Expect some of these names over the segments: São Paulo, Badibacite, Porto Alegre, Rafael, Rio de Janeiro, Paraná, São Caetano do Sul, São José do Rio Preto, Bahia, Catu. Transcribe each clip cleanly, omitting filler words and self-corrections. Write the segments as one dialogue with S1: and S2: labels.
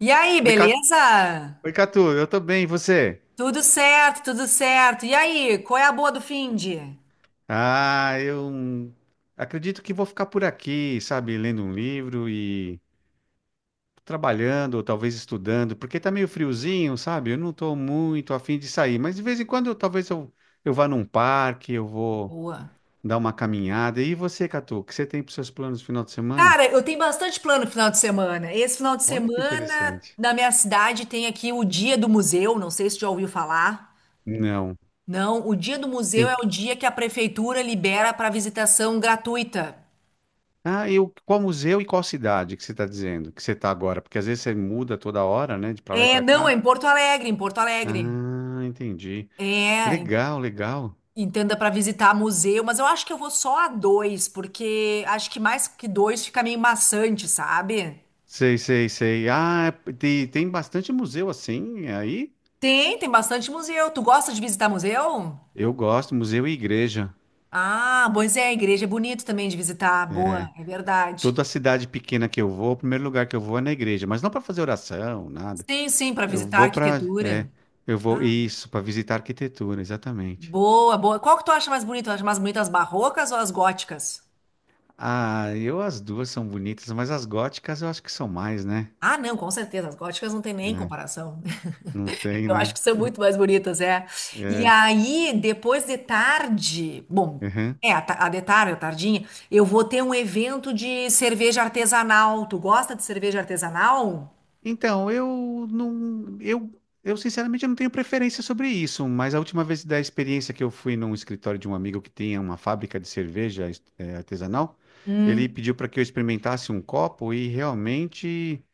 S1: E aí,
S2: Oi,
S1: beleza?
S2: Oi, Catu, eu tô bem, e você?
S1: Tudo certo, tudo certo. E aí, qual é a boa do finde?
S2: Ah, eu acredito que vou ficar por aqui, sabe, lendo um livro e trabalhando, ou talvez estudando, porque tá meio friozinho, sabe? Eu não tô muito afim de sair, mas de vez em quando talvez eu vá num parque, eu vou
S1: Boa.
S2: dar uma caminhada. E você, Catu, o que você tem para seus planos no final de semana?
S1: Cara, eu tenho bastante plano pro final de semana. Esse final de
S2: Olha que
S1: semana,
S2: interessante.
S1: na minha cidade, tem aqui o Dia do Museu. Não sei se tu já ouviu falar.
S2: Não.
S1: Não, o Dia do Museu é
S2: Em-
S1: o dia que a prefeitura libera para visitação gratuita.
S2: Ah, e qual museu e qual cidade que você está dizendo que você está agora? Porque às vezes você muda toda hora, né, de pra lá e
S1: É,
S2: pra
S1: não, é
S2: cá.
S1: em Porto Alegre, em Porto Alegre.
S2: Ah, entendi.
S1: É,
S2: Legal, legal.
S1: entenda para visitar museu, mas eu acho que eu vou só a dois, porque acho que mais que dois fica meio maçante, sabe?
S2: Sei, sei, sei. Ah, é, tem bastante museu assim aí.
S1: Tem, tem bastante museu. Tu gosta de visitar museu?
S2: Eu gosto, museu e igreja.
S1: Ah, pois é, a igreja é bonito também de visitar. Boa, é verdade.
S2: Toda cidade pequena que eu vou, o primeiro lugar que eu vou é na igreja, mas não para fazer oração, nada.
S1: Sim, sim, para
S2: Eu
S1: visitar a
S2: vou para, é,
S1: arquitetura.
S2: eu vou
S1: Ah,
S2: isso, para visitar arquitetura, exatamente.
S1: boa, boa. Qual que tu acha mais bonito? Tu acha mais bonito as barrocas ou as góticas?
S2: Ah, eu as duas são bonitas, mas as góticas eu acho que são mais, né?
S1: Ah, não, com certeza. As góticas não tem nem
S2: É,
S1: comparação.
S2: não tem,
S1: Eu acho
S2: né?
S1: que são muito mais bonitas, é. E
S2: É.
S1: aí, depois de tarde, bom, é, a, a de tarde, a tardinha, eu vou ter um evento de cerveja artesanal. Tu gosta de cerveja artesanal?
S2: Então, eu não, eu sinceramente eu não tenho preferência sobre isso, mas a última vez da experiência que eu fui num escritório de um amigo que tinha uma fábrica de cerveja artesanal, ele
S1: Hum.
S2: pediu para que eu experimentasse um copo e realmente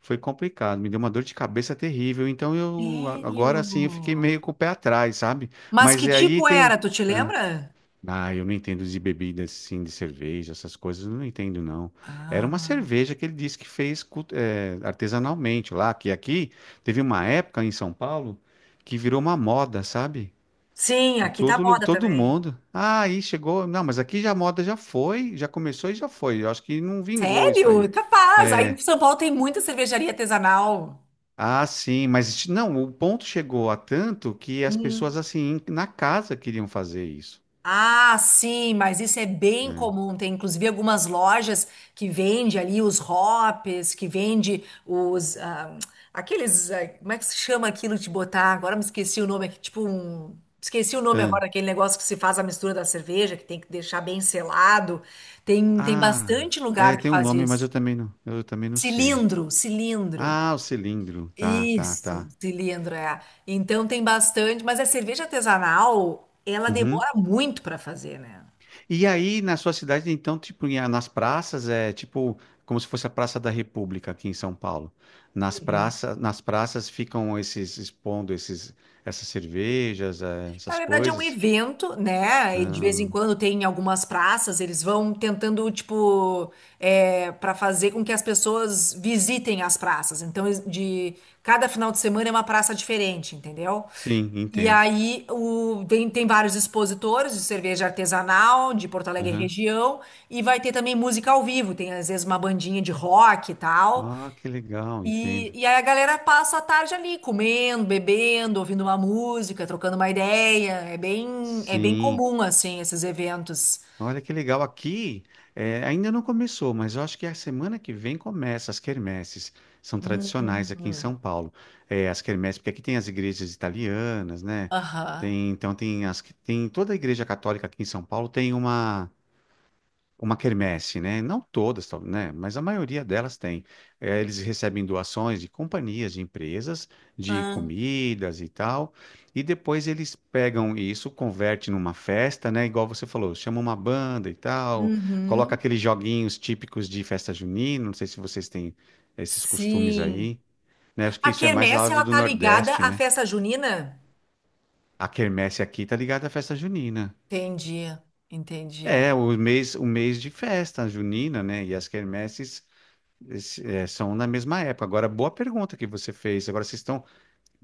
S2: foi complicado, me deu uma dor de cabeça terrível. Então agora
S1: Sério?
S2: assim eu fiquei meio com o pé atrás, sabe?
S1: Mas
S2: Mas
S1: que
S2: é aí
S1: tipo era?
S2: tem,
S1: Tu te lembra?
S2: ah, eu não entendo de bebidas, assim de cerveja, essas coisas, eu não entendo, não. Era uma
S1: Ah.
S2: cerveja que ele disse que fez artesanalmente lá, que aqui teve uma época em São Paulo que virou uma moda, sabe?
S1: Sim,
S2: Em
S1: aqui tá moda
S2: Todo
S1: também.
S2: mundo. Ah, aí chegou. Não, mas aqui já a moda já foi, já começou e já foi. Eu acho que não vingou isso aí.
S1: Sério? Capaz. Aí
S2: É,
S1: em São Paulo tem muita cervejaria artesanal.
S2: ah, sim, mas não, o ponto chegou a tanto que as pessoas,
S1: Hum.
S2: assim, na casa queriam fazer isso,
S1: Ah, sim, mas isso é bem
S2: né?
S1: comum. Tem inclusive algumas lojas que vende ali os hops, que vende os aqueles, como é que se chama aquilo de botar? Agora me esqueci o nome, é tipo um, esqueci o nome agora, aquele negócio que se faz a mistura da cerveja, que tem que deixar bem selado. Tem
S2: Ah,
S1: bastante lugar
S2: é,
S1: que
S2: tem um
S1: faz
S2: nome, mas
S1: isso.
S2: eu também não sei.
S1: Cilindro, cilindro.
S2: Ah, o cilindro. Tá, tá,
S1: Isso,
S2: tá.
S1: cilindro, é. Então tem bastante, mas a cerveja artesanal, ela
S2: Uhum.
S1: demora muito para fazer, né?
S2: E aí, na sua cidade, então, tipo, em- ah, nas praças, é tipo como se fosse a Praça da República aqui em São Paulo. Nas praças ficam esses expondo esses, essas cervejas, eh,
S1: Na
S2: essas
S1: verdade, é um
S2: coisas.
S1: evento, né? E de vez em
S2: Ah,
S1: quando tem em algumas praças, eles vão tentando, tipo, é, para fazer com que as pessoas visitem as praças. Então, de cada final de semana é uma praça diferente, entendeu?
S2: sim,
S1: E
S2: entendo.
S1: aí o, tem, tem vários expositores de cerveja artesanal de Porto Alegre e
S2: Uhum.
S1: região, e vai ter também música ao vivo, tem às vezes uma bandinha de rock e tal.
S2: Ah, que legal, entendo.
S1: E aí a galera passa a tarde ali, comendo, bebendo, ouvindo uma música, trocando uma ideia. É bem
S2: Sim.
S1: comum, assim, esses eventos.
S2: Olha que legal. Aqui, eh, ainda não começou, mas eu acho que a semana que vem começa as quermesses. São tradicionais aqui em
S1: Hum.
S2: São Paulo. Eh, as quermesses, porque aqui tem as igrejas italianas, né?
S1: Aham.
S2: Tem, então tem tem toda a igreja católica aqui em São Paulo tem uma quermesse, né? Não todas, né? Mas a maioria delas tem. Eh, eles recebem doações de companhias, de empresas, de
S1: Ah,
S2: comidas e tal, e depois eles pegam isso, converte numa festa, né? Igual você falou, chama uma banda e tal, coloca
S1: uhum.
S2: aqueles joguinhos típicos de festa junina. Não sei se vocês têm esses costumes
S1: Sim.
S2: aí, né? Acho que
S1: A
S2: isso é mais lá
S1: quermesse,
S2: do
S1: ela
S2: do
S1: tá ligada
S2: Nordeste,
S1: à
S2: né?
S1: festa junina?
S2: A quermesse aqui tá ligada à festa junina.
S1: Entendi, entendi.
S2: É, o mês de festa junina, né? E as quermesses é, são na mesma época. Agora, boa pergunta que você fez. Agora, vocês estão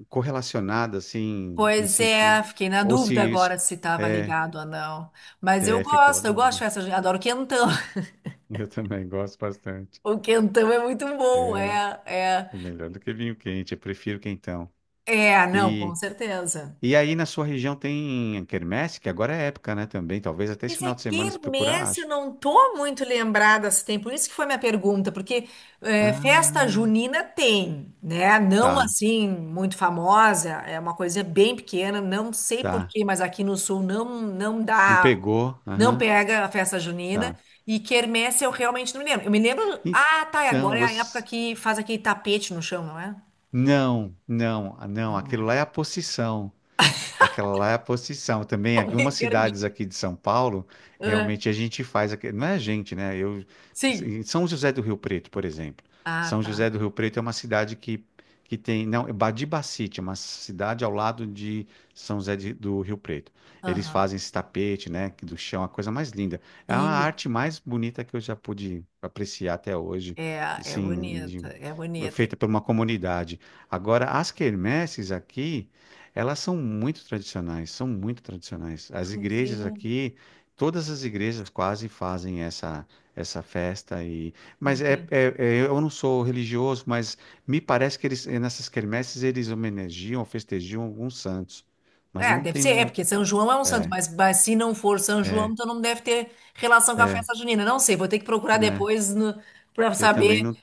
S2: correlacionadas, assim, em
S1: Pois
S2: sentido.
S1: é, fiquei na
S2: Ou se
S1: dúvida
S2: isso.
S1: agora se estava
S2: É,
S1: ligado ou não. Mas
S2: é, ficou a
S1: eu gosto de
S2: dúvida.
S1: festa junina, adoro quentão.
S2: Eu também gosto bastante.
S1: O quentão é muito bom,
S2: É,
S1: é, é.
S2: é melhor do que vinho quente. Eu prefiro quentão.
S1: É, não, com
S2: E,
S1: certeza.
S2: e aí, na sua região tem quermesse, que agora é época, né? Também. Talvez até esse
S1: Mas é
S2: final de semana, se procurar,
S1: quermesse, eu
S2: acha.
S1: não tô muito lembrada se tem, por isso que foi minha pergunta, porque é, festa
S2: Ah,
S1: junina tem, né? Não
S2: tá,
S1: assim muito famosa, é uma coisa bem pequena, não sei por
S2: tá.
S1: quê, mas aqui no sul não
S2: Não
S1: dá,
S2: pegou?
S1: não
S2: Aham,
S1: pega a festa junina.
S2: tá.
S1: E quermesse eu realmente não me lembro. Eu me lembro, ah, tá, e
S2: Então,
S1: agora é a época
S2: você.
S1: que faz aquele tapete no chão, não é?
S2: Não, não, ah, não.
S1: Não
S2: Aquilo
S1: é.
S2: lá é a posição. Aquela lá é a posição. Também,
S1: Tô
S2: algumas
S1: meio perdida.
S2: cidades aqui de São Paulo,
S1: Ah,
S2: realmente a gente faz. Não é a gente, né? Eu,
S1: sim.
S2: em São José do Rio Preto, por exemplo.
S1: Ah,
S2: São
S1: tá.
S2: José do Rio Preto é uma cidade que tem. Não, é Badibacite, é uma cidade ao lado de do Rio Preto. Eles
S1: Aham.
S2: fazem esse tapete, né? que Do chão, a coisa mais linda. É a arte mais bonita que eu já pude apreciar até hoje,
S1: É, é
S2: assim,
S1: bonita, é bonita.
S2: feita por uma comunidade. Agora, as quermesses aqui. Elas são muito tradicionais, são muito tradicionais.
S1: Tu
S2: As
S1: vê,
S2: igrejas aqui, todas as igrejas quase fazem essa festa e, mas é,
S1: entendi.
S2: eu não sou religioso, mas me parece que eles nessas quermesses eles homenageiam, festejam alguns santos. Mas eu
S1: É,
S2: não
S1: deve
S2: tenho
S1: ser, é porque
S2: muito.
S1: São João é um santo,
S2: É,
S1: mas se não for São João,
S2: é,
S1: então não deve ter relação com a
S2: é,
S1: festa junina. Não sei, vou ter que procurar
S2: né?
S1: depois para
S2: Eu
S1: saber
S2: também não.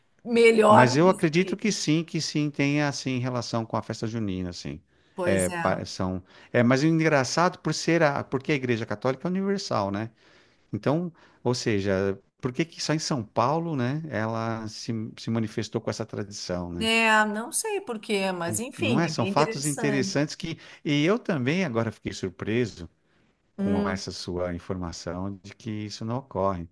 S2: Mas
S1: melhor
S2: eu
S1: disso
S2: acredito
S1: aí.
S2: que sim tenha assim relação com a festa junina, assim.
S1: Pois
S2: É,
S1: é.
S2: são. É, mas o engraçado por ser a, porque a Igreja Católica é universal, né? Então, ou seja, por que que só em São Paulo, né, ela se, se manifestou com essa tradição, né?
S1: É, não sei por quê, mas
S2: Não
S1: enfim,
S2: é?
S1: é
S2: São
S1: bem
S2: fatos
S1: interessante.
S2: interessantes que... E eu também agora fiquei surpreso com
S1: Hum,
S2: essa sua informação de que isso não ocorre.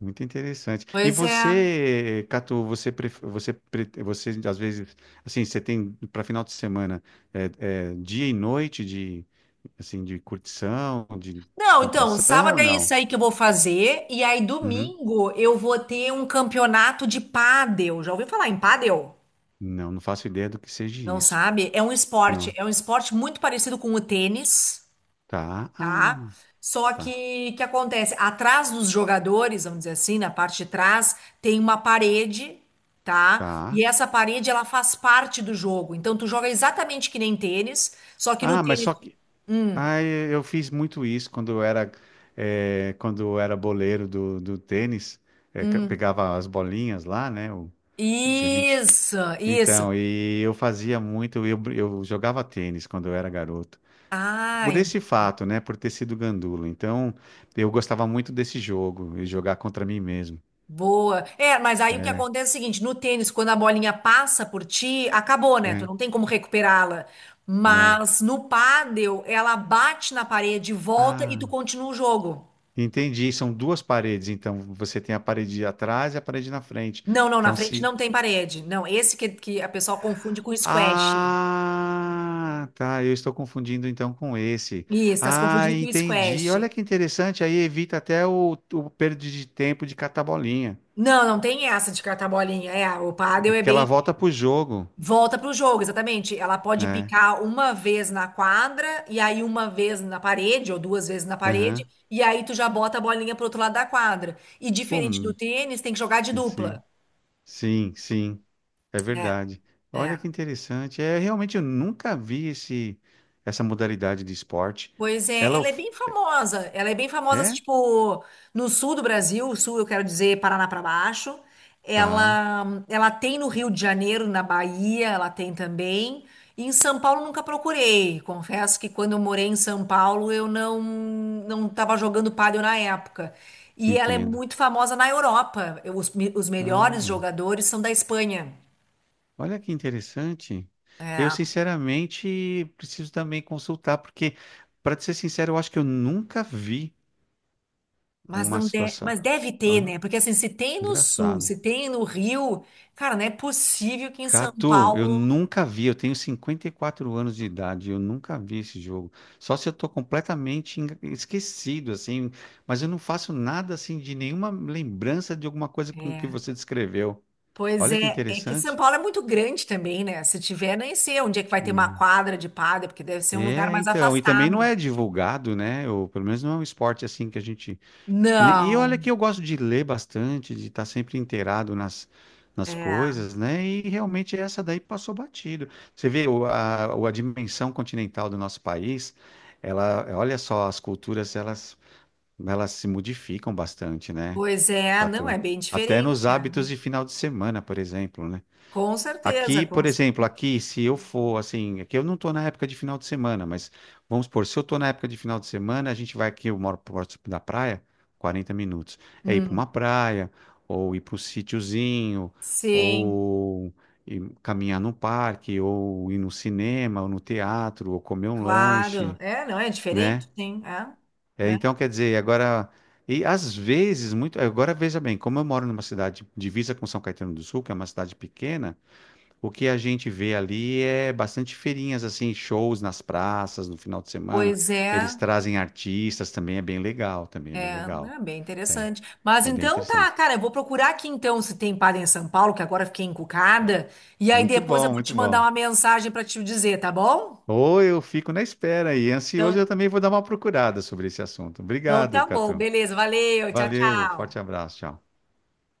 S2: Muito interessante. E
S1: pois é.
S2: você, Catu, você às vezes, assim, você tem para final de semana é dia e noite de, assim, de curtição, de
S1: Não, então,
S2: descontração ou
S1: sábado é
S2: não?
S1: isso aí que eu vou fazer, e aí
S2: Uhum.
S1: domingo eu vou ter um campeonato de pádel. Já ouviu falar em pádel?
S2: Não, não faço ideia do que seja
S1: Não
S2: isso.
S1: sabe?
S2: Não.
S1: É um esporte muito parecido com o tênis,
S2: Tá.
S1: tá?
S2: Ah,
S1: Só
S2: tá.
S1: que acontece? Atrás dos jogadores, vamos dizer assim, na parte de trás, tem uma parede, tá?
S2: Tá.
S1: E essa parede ela faz parte do jogo. Então tu joga exatamente que nem tênis, só que no
S2: Ah, mas
S1: tênis,
S2: só que.
S1: hum,
S2: Ah, eu fiz muito isso quando eu era, eh, quando eu era boleiro do tênis. Eh,
S1: hum.
S2: pegava as bolinhas lá, né? O que a gente...
S1: Isso, isso.
S2: Então, e eu fazia muito. Eu, eu jogava tênis quando eu era garoto.
S1: Ah,
S2: Por esse fato, né? Por ter sido gandula. Então, eu gostava muito desse jogo e jogar contra mim mesmo.
S1: boa. É, mas aí o que
S2: É,
S1: acontece é o seguinte, no tênis, quando a bolinha passa por ti, acabou, né? Tu
S2: é.
S1: não tem como recuperá-la.
S2: Não.
S1: Mas no pádel, ela bate na parede, volta e tu
S2: Ah.
S1: continua o jogo.
S2: Entendi. São duas paredes, então você tem a parede de atrás e a parede na frente.
S1: Não, não, na
S2: Então
S1: frente
S2: se
S1: não tem parede. Não, esse que a pessoa confunde com squash.
S2: Ah, tá, eu estou confundindo então com esse.
S1: Isso, tá se
S2: Ah,
S1: confundindo com
S2: entendi. Olha
S1: squash.
S2: que interessante, aí evita até o perda de tempo de catar bolinha.
S1: Não, não tem essa de catar bolinha. É, o
S2: É
S1: pádel é
S2: porque ela
S1: bem.
S2: volta pro jogo,
S1: Volta para o jogo, exatamente. Ela pode
S2: né?
S1: picar uma vez na quadra, e aí uma vez na parede, ou duas vezes na parede,
S2: Aham.
S1: e aí tu já bota a bolinha pro outro lado da quadra. E
S2: Pô,
S1: diferente do tênis, tem que jogar de dupla.
S2: sim. Sim, sim, é
S1: É,
S2: verdade.
S1: é.
S2: Olha que interessante. É, realmente eu nunca vi esse essa modalidade de esporte.
S1: Pois é,
S2: Ela
S1: ela é
S2: of-
S1: bem famosa. Ela é bem famosa, assim,
S2: é?
S1: tipo, no sul do Brasil, sul, eu quero dizer, Paraná para baixo.
S2: Tá.
S1: Ela tem no Rio de Janeiro, na Bahia, ela tem também. E em São Paulo nunca procurei. Confesso que quando eu morei em São Paulo, eu não estava jogando pádel na época. E ela é
S2: Entendo.
S1: muito famosa na Europa. Os, os melhores
S2: Olha,
S1: jogadores são da Espanha.
S2: olha que interessante. Eu,
S1: É.
S2: sinceramente, preciso também consultar, porque, para ser sincero, eu acho que eu nunca vi
S1: Mas
S2: uma
S1: não de...
S2: situação.
S1: mas deve ter,
S2: Olha,
S1: né? Porque assim, se tem no sul,
S2: engraçado.
S1: se tem no Rio, cara, não é possível que em São
S2: Catu, eu
S1: Paulo.
S2: nunca vi. Eu tenho 54 anos de idade, eu nunca vi esse jogo. Só se eu tô completamente esquecido, assim, mas eu não faço nada, assim, de nenhuma lembrança de alguma coisa com que
S1: É.
S2: você descreveu.
S1: Pois
S2: Olha que
S1: é, é que São
S2: interessante.
S1: Paulo é muito grande também, né? Se tiver, nem sei onde é que vai ter uma quadra de pádel, porque deve ser um lugar
S2: É,
S1: mais
S2: então, e também não
S1: afastado.
S2: é divulgado, né? Ou pelo menos não é um esporte assim que a gente. E olha
S1: Não,
S2: que eu gosto de ler bastante, de estar sempre inteirado nas
S1: é.
S2: coisas, né? E realmente essa daí passou batido. Você vê a dimensão continental do nosso país, ela, olha só, elas se modificam bastante, né,
S1: Pois é, não,
S2: Catu?
S1: é bem
S2: Até nos
S1: diferente. É.
S2: hábitos de final de semana, por exemplo, né?
S1: Com certeza,
S2: Aqui,
S1: com...
S2: por exemplo, aqui, se eu for assim, aqui eu não estou na época de final de semana, mas vamos supor, se eu estou na época de final de semana, a gente vai aqui, eu moro próximo da praia, 40 minutos. É ir para
S1: Hum,
S2: uma praia, ou ir para um sítiozinho,
S1: sim,
S2: ou ir caminhar no parque, ou ir no cinema, ou no teatro, ou comer um
S1: claro.
S2: lanche,
S1: É, não, é
S2: né?
S1: diferente, sim. É,
S2: É,
S1: é.
S2: então, quer dizer, agora. E às vezes, muito. Agora, veja bem, como eu moro numa cidade divisa com São Caetano do Sul, que é uma cidade pequena. O que a gente vê ali é bastante feirinhas, assim, shows nas praças no final de semana.
S1: Pois
S2: Eles
S1: é.
S2: trazem artistas também, é bem legal, também é bem
S1: É,
S2: legal.
S1: né, bem
S2: É,
S1: interessante. Mas
S2: é bem
S1: então tá,
S2: interessante.
S1: cara, eu vou procurar aqui então se tem padre em São Paulo, que agora eu fiquei encucada, e aí
S2: Muito
S1: depois eu
S2: bom,
S1: vou te
S2: muito
S1: mandar
S2: bom.
S1: uma mensagem para te dizer, tá bom?
S2: Ou eu fico na espera e ansioso, eu
S1: Então,
S2: também vou dar uma procurada sobre esse assunto.
S1: então
S2: Obrigado,
S1: tá bom,
S2: Catu.
S1: beleza, valeu, tchau,
S2: Valeu, forte
S1: tchau.
S2: abraço, tchau.